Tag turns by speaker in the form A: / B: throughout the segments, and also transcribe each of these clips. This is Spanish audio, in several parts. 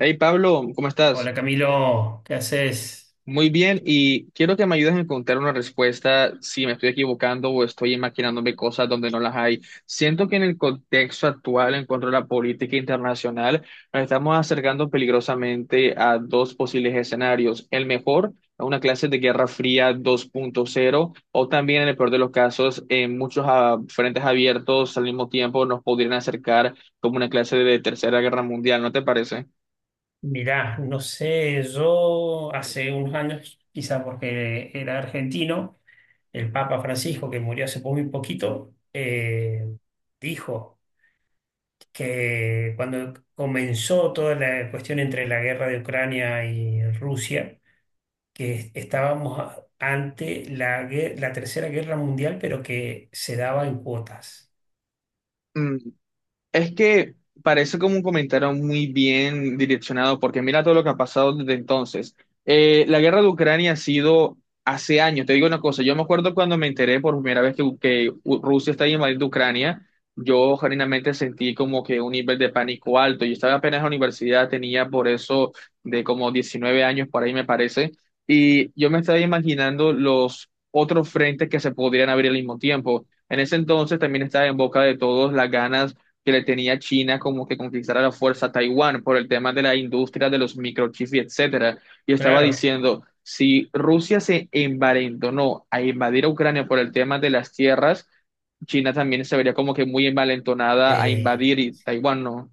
A: Hey Pablo, ¿cómo estás?
B: Hola Camilo, ¿qué haces?
A: Muy bien, y quiero que me ayudes a encontrar una respuesta si me estoy equivocando o estoy imaginándome cosas donde no las hay. Siento que en el contexto actual, en cuanto a la política internacional, nos estamos acercando peligrosamente a dos posibles escenarios. El mejor, a una clase de Guerra Fría 2.0, o también en el peor de los casos, en muchos frentes abiertos al mismo tiempo nos podrían acercar como una clase de Tercera Guerra Mundial, ¿no te parece?
B: Mirá, no sé, yo hace unos años, quizá porque era argentino, el Papa Francisco, que murió hace muy poquito, dijo que cuando comenzó toda la cuestión entre la guerra de Ucrania y Rusia, que estábamos ante la Tercera Guerra Mundial, pero que se daba en cuotas.
A: Es que parece como un comentario muy bien direccionado, porque mira todo lo que ha pasado desde entonces. La guerra de Ucrania ha sido hace años. Te digo una cosa, yo me acuerdo cuando me enteré por primera vez que Rusia está invadiendo Ucrania, yo genuinamente sentí como que un nivel de pánico alto. Yo estaba apenas en la universidad, tenía por eso de como 19 años por ahí me parece, y yo me estaba imaginando los otros frentes que se podrían abrir al mismo tiempo. En ese entonces también estaba en boca de todos las ganas que le tenía China como que conquistara la fuerza a Taiwán por el tema de la industria de los microchips y etcétera. Y estaba
B: Claro.
A: diciendo, si Rusia se envalentonó a invadir a Ucrania por el tema de las tierras, China también se vería como que muy envalentonada a
B: eh,
A: invadir y Taiwán, ¿no?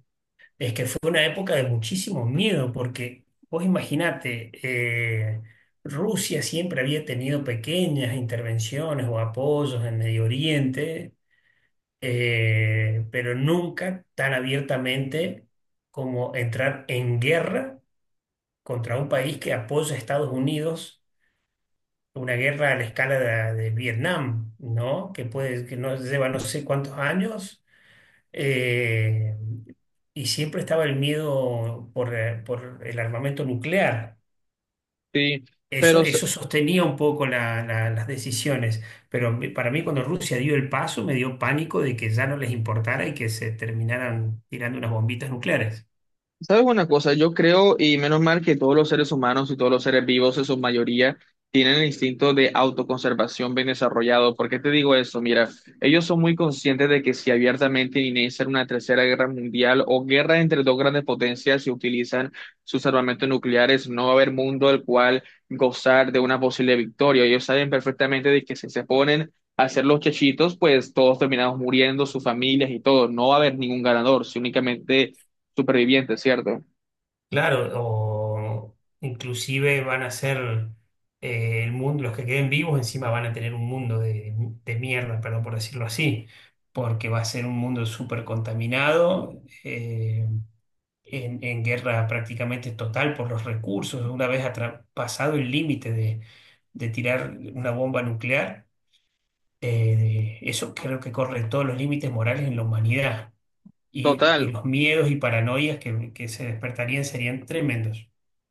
B: Es que fue una época de muchísimo miedo, porque vos imaginate, Rusia siempre había tenido pequeñas intervenciones o apoyos en Medio Oriente, pero nunca tan abiertamente como entrar en guerra contra un país que apoya a Estados Unidos, una guerra a la escala de Vietnam, ¿no? Que puede, que no lleva no sé cuántos años, eh, y siempre estaba el miedo por el armamento nuclear.
A: Sí,
B: Eso,
A: pero
B: eso sostenía un poco las decisiones, pero para mí cuando Rusia dio el paso me dio pánico de que ya no les importara y que se terminaran tirando unas bombitas nucleares.
A: ¿sabes una cosa? Yo creo, y menos mal que todos los seres humanos y todos los seres vivos en su mayoría tienen el instinto de autoconservación bien desarrollado. ¿Por qué te digo eso? Mira, ellos son muy conscientes de que si abiertamente inician una tercera guerra mundial o guerra entre dos grandes potencias y utilizan sus armamentos nucleares, no va a haber mundo al cual gozar de una posible victoria. Ellos saben perfectamente de que si se ponen a hacer los chechitos, pues todos terminamos muriendo, sus familias y todo. No va a haber ningún ganador, si únicamente superviviente, ¿cierto?
B: Claro, o inclusive van a ser el mundo, los que queden vivos encima van a tener un mundo de de mierda, perdón por decirlo así, porque va a ser un mundo súper contaminado en guerra prácticamente total por los recursos, una vez pasado el límite de tirar una bomba nuclear, eso creo que corre todos los límites morales en la humanidad y
A: Total.
B: los miedos y paranoias que se despertarían serían tremendos.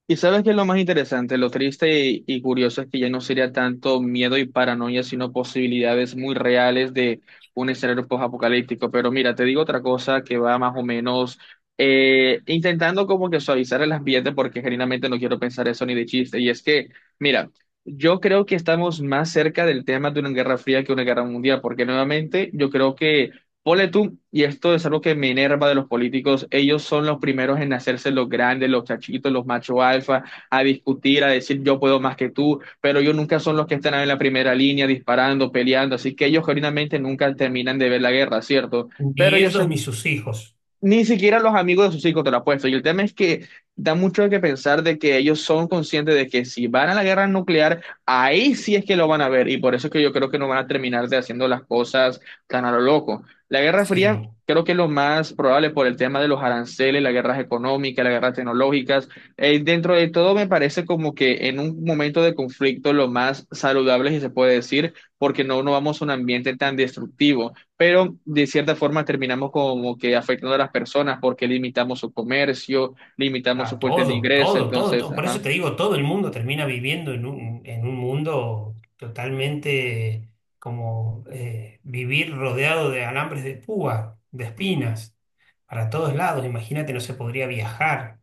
A: Y sabes qué es lo más interesante, lo triste y curioso es que ya no sería tanto miedo y paranoia, sino posibilidades muy reales de un escenario post-apocalíptico. Pero mira, te digo otra cosa que va más o menos intentando como que suavizar el ambiente, porque genuinamente no quiero pensar eso ni de chiste. Y es que, mira, yo creo que estamos más cerca del tema de una guerra fría que una guerra mundial, porque nuevamente yo creo que, ponle tú, y esto es algo que me enerva de los políticos, ellos son los primeros en hacerse los grandes, los chachitos, los macho alfa, a discutir, a decir yo puedo más que tú, pero ellos nunca son los que están en la primera línea disparando, peleando, así que ellos genuinamente nunca terminan de ver la guerra, ¿cierto? Pero
B: Ni
A: yo,
B: ellos ni sus hijos.
A: ni siquiera los amigos de sus hijos te lo apuesto. Y el tema es que da mucho que pensar de que ellos son conscientes de que si van a la guerra nuclear, ahí sí es que lo van a ver. Y por eso es que yo creo que no van a terminar de haciendo las cosas tan a lo loco. La Guerra Fría
B: Sí.
A: creo que es lo más probable por el tema de los aranceles, las guerras económicas, las guerras tecnológicas. Dentro de todo me parece como que en un momento de conflicto lo más saludable, si se puede decir, porque no vamos a un ambiente tan destructivo, pero de cierta forma terminamos como que afectando a las personas porque limitamos su comercio, limitamos su
B: Ah,
A: fuente de
B: todo,
A: ingreso,
B: todo, todo,
A: entonces,
B: todo. Por eso
A: ajá.
B: te digo, todo el mundo termina viviendo en un mundo totalmente como vivir rodeado de alambres de púa, de espinas, para todos lados. Imagínate, no se podría viajar,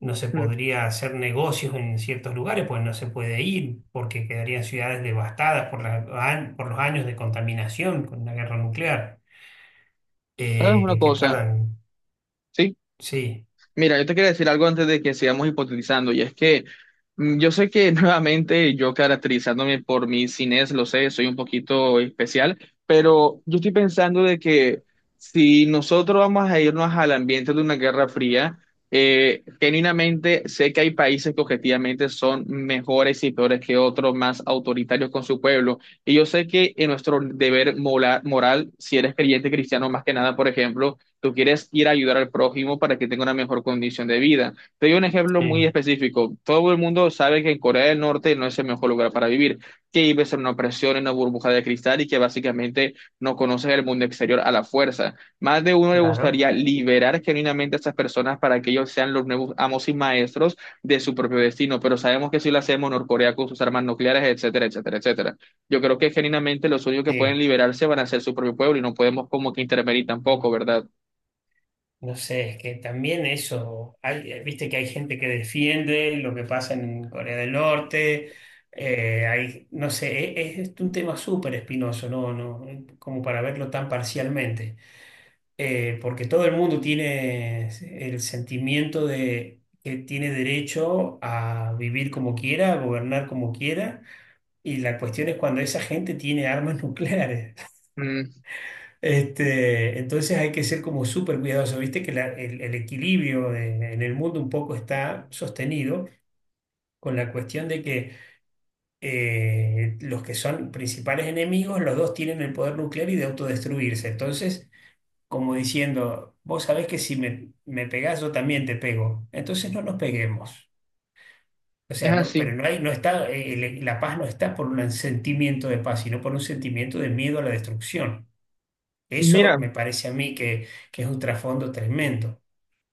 B: no se
A: Mm.
B: podría hacer negocios en ciertos lugares, pues no se puede ir, porque quedarían ciudades devastadas por por los años de contaminación con la guerra nuclear,
A: Es una
B: que
A: cosa,
B: tardan.
A: sí.
B: Sí,
A: Mira, yo te quería decir algo antes de que sigamos hipotetizando, y es que yo sé que nuevamente yo caracterizándome por mi cines, lo sé, soy un poquito especial, pero yo estoy pensando de que si nosotros vamos a irnos al ambiente de una guerra fría, genuinamente sé que hay países que objetivamente son mejores y peores que otros, más autoritarios con su pueblo, y yo sé que en nuestro deber moral, si eres creyente cristiano más que nada, por ejemplo, tú quieres ir a ayudar al prójimo para que tenga una mejor condición de vida. Te doy un ejemplo muy
B: sí.
A: específico. Todo el mundo sabe que en Corea del Norte no es el mejor lugar para vivir, que vives en una opresión, en una burbuja de cristal y que básicamente no conoces el mundo exterior a la fuerza. Más de uno le
B: Claro.
A: gustaría liberar genuinamente a esas personas para que ellos sean los nuevos amos y maestros de su propio destino, pero sabemos que si lo hacemos, Norcorea con sus armas nucleares, etcétera, etcétera, etcétera. Yo creo que genuinamente los únicos que pueden
B: Sí.
A: liberarse van a ser su propio pueblo y no podemos como que intervenir tampoco, ¿verdad?
B: No sé, es que también eso, hay, viste que hay gente que defiende lo que pasa en Corea del Norte, hay, no sé, es un tema súper espinoso, ¿no? No, como para verlo tan parcialmente. Porque todo el mundo tiene el sentimiento de que tiene derecho a vivir como quiera, a gobernar como quiera, y la cuestión es cuando esa gente tiene armas nucleares.
A: Mm,
B: Este, entonces hay que ser como súper cuidadoso. Viste que el equilibrio en el mundo un poco está sostenido con la cuestión de que los que son principales enemigos, los dos tienen el poder nuclear y de autodestruirse. Entonces, como diciendo, vos sabés que si me pegás, yo también te pego. Entonces no nos peguemos. O
A: es
B: sea, no, pero
A: así.
B: no hay, no está, la paz no está por un sentimiento de paz, sino por un sentimiento de miedo a la destrucción. Eso
A: Mira,
B: me parece a mí que es un trasfondo tremendo.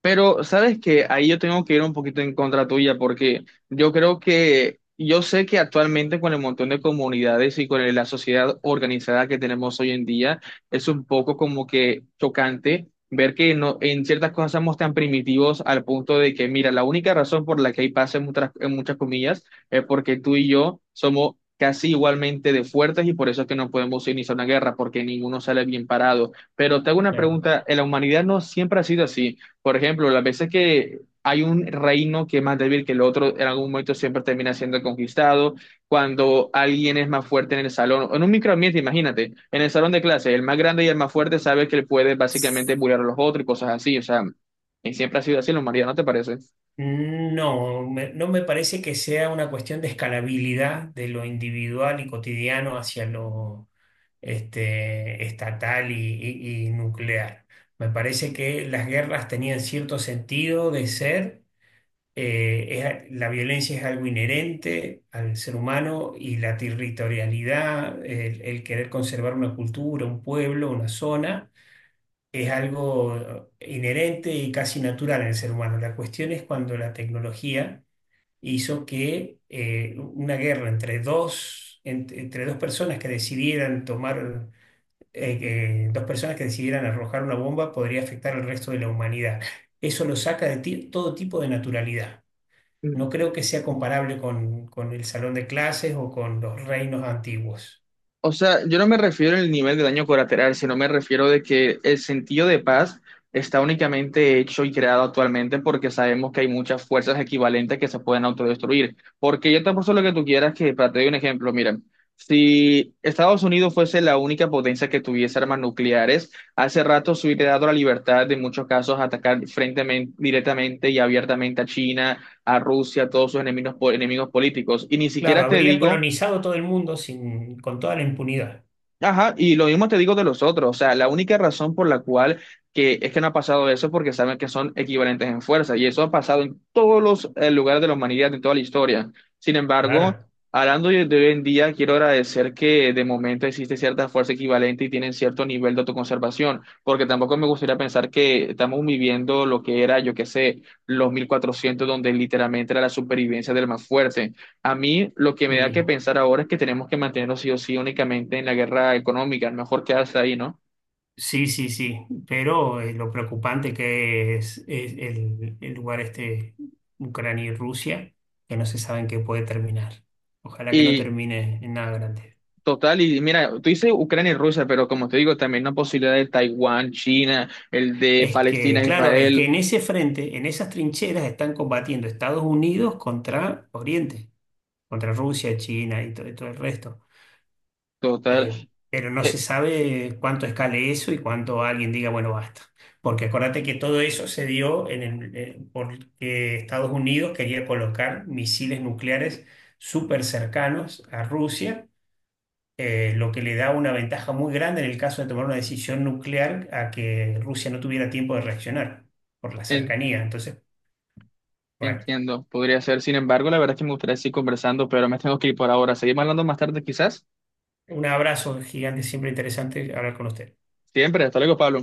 A: pero sabes que ahí yo tengo que ir un poquito en contra tuya, porque yo creo que yo sé que actualmente con el montón de comunidades y con la sociedad organizada que tenemos hoy en día es un poco como que chocante ver que no, en ciertas cosas somos tan primitivos al punto de que, mira, la única razón por la que hay paz en muchas comillas, es porque tú y yo somos casi igualmente de fuertes y por eso es que no podemos iniciar una guerra porque ninguno sale bien parado. Pero te hago una
B: Claro.
A: pregunta, ¿en la humanidad no siempre ha sido así? Por ejemplo, las veces que hay un reino que es más débil que el otro, en algún momento siempre termina siendo conquistado. Cuando alguien es más fuerte en el salón, o en un microambiente, imagínate, en el salón de clase, el más grande y el más fuerte sabe que él puede básicamente bullear a los otros y cosas así. O sea, y siempre ha sido así en la humanidad, ¿no te parece?
B: No, no me parece que sea una cuestión de escalabilidad de lo individual y cotidiano hacia lo este, estatal y nuclear. Me parece que las guerras tenían cierto sentido de ser. La violencia es algo inherente al ser humano y la territorialidad, el querer conservar una cultura, un pueblo, una zona es algo inherente y casi natural en el ser humano. La cuestión es cuando la tecnología hizo que una guerra entre entre dos personas que decidieran dos personas que decidieran arrojar una bomba podría afectar al resto de la humanidad. Eso lo saca de todo tipo de naturalidad. No creo que sea comparable con el salón de clases o con los reinos antiguos.
A: O sea, yo no me refiero al nivel de daño colateral, sino me refiero de que el sentido de paz está únicamente hecho y creado actualmente porque sabemos que hay muchas fuerzas equivalentes que se pueden autodestruir. Porque yo te apuesto lo que tú quieras que, para te doy un ejemplo, mira, si Estados Unidos fuese la única potencia que tuviese armas nucleares, hace rato se hubiera dado la libertad de en muchos casos atacar frente, directamente y abiertamente a China, a Rusia, a todos sus enemigos, enemigos políticos. Y ni
B: Claro,
A: siquiera te
B: habría
A: digo,
B: colonizado todo el mundo sin, con toda la impunidad.
A: ajá, y lo mismo te digo de los otros, o sea, la única razón por la cual que es que no ha pasado eso es porque saben que son equivalentes en fuerza, y eso ha pasado en todos los lugares de la humanidad, en toda la historia. Sin embargo,
B: Claro.
A: hablando de hoy en día, quiero agradecer que de momento existe cierta fuerza equivalente y tienen cierto nivel de autoconservación, porque tampoco me gustaría pensar que estamos viviendo lo que era, yo qué sé, los 1400, donde literalmente era la supervivencia del más fuerte. A mí lo que me da
B: Y
A: que pensar ahora es que tenemos que mantenernos sí o sí únicamente en la guerra económica, mejor quedarse ahí, ¿no?
B: sí, sí, sí, pero lo preocupante que es el lugar este, Ucrania y Rusia, que no se sabe en qué puede terminar. Ojalá que no
A: Y
B: termine en nada grande.
A: total, y mira, tú dices Ucrania y Rusia, pero como te digo, también la posibilidad de Taiwán, China, el de
B: Es que,
A: Palestina,
B: claro, es que
A: Israel,
B: en ese frente, en esas trincheras, están combatiendo Estados Unidos contra Oriente, contra Rusia, China y todo el resto.
A: total.
B: Eh, pero no
A: Eh,
B: se sabe cuánto escale eso y cuánto alguien diga, bueno, basta. Porque acuérdate que todo eso se dio en el, porque Estados Unidos quería colocar misiles nucleares súper cercanos a Rusia, lo que le da una ventaja muy grande en el caso de tomar una decisión nuclear a que Rusia no tuviera tiempo de reaccionar por la
A: en-
B: cercanía. Entonces, bueno,
A: Entiendo, podría ser. Sin embargo, la verdad es que me gustaría seguir conversando, pero me tengo que ir por ahora. Seguimos hablando más tarde, quizás.
B: un abrazo gigante, siempre interesante hablar con usted.
A: Siempre, hasta luego, Pablo.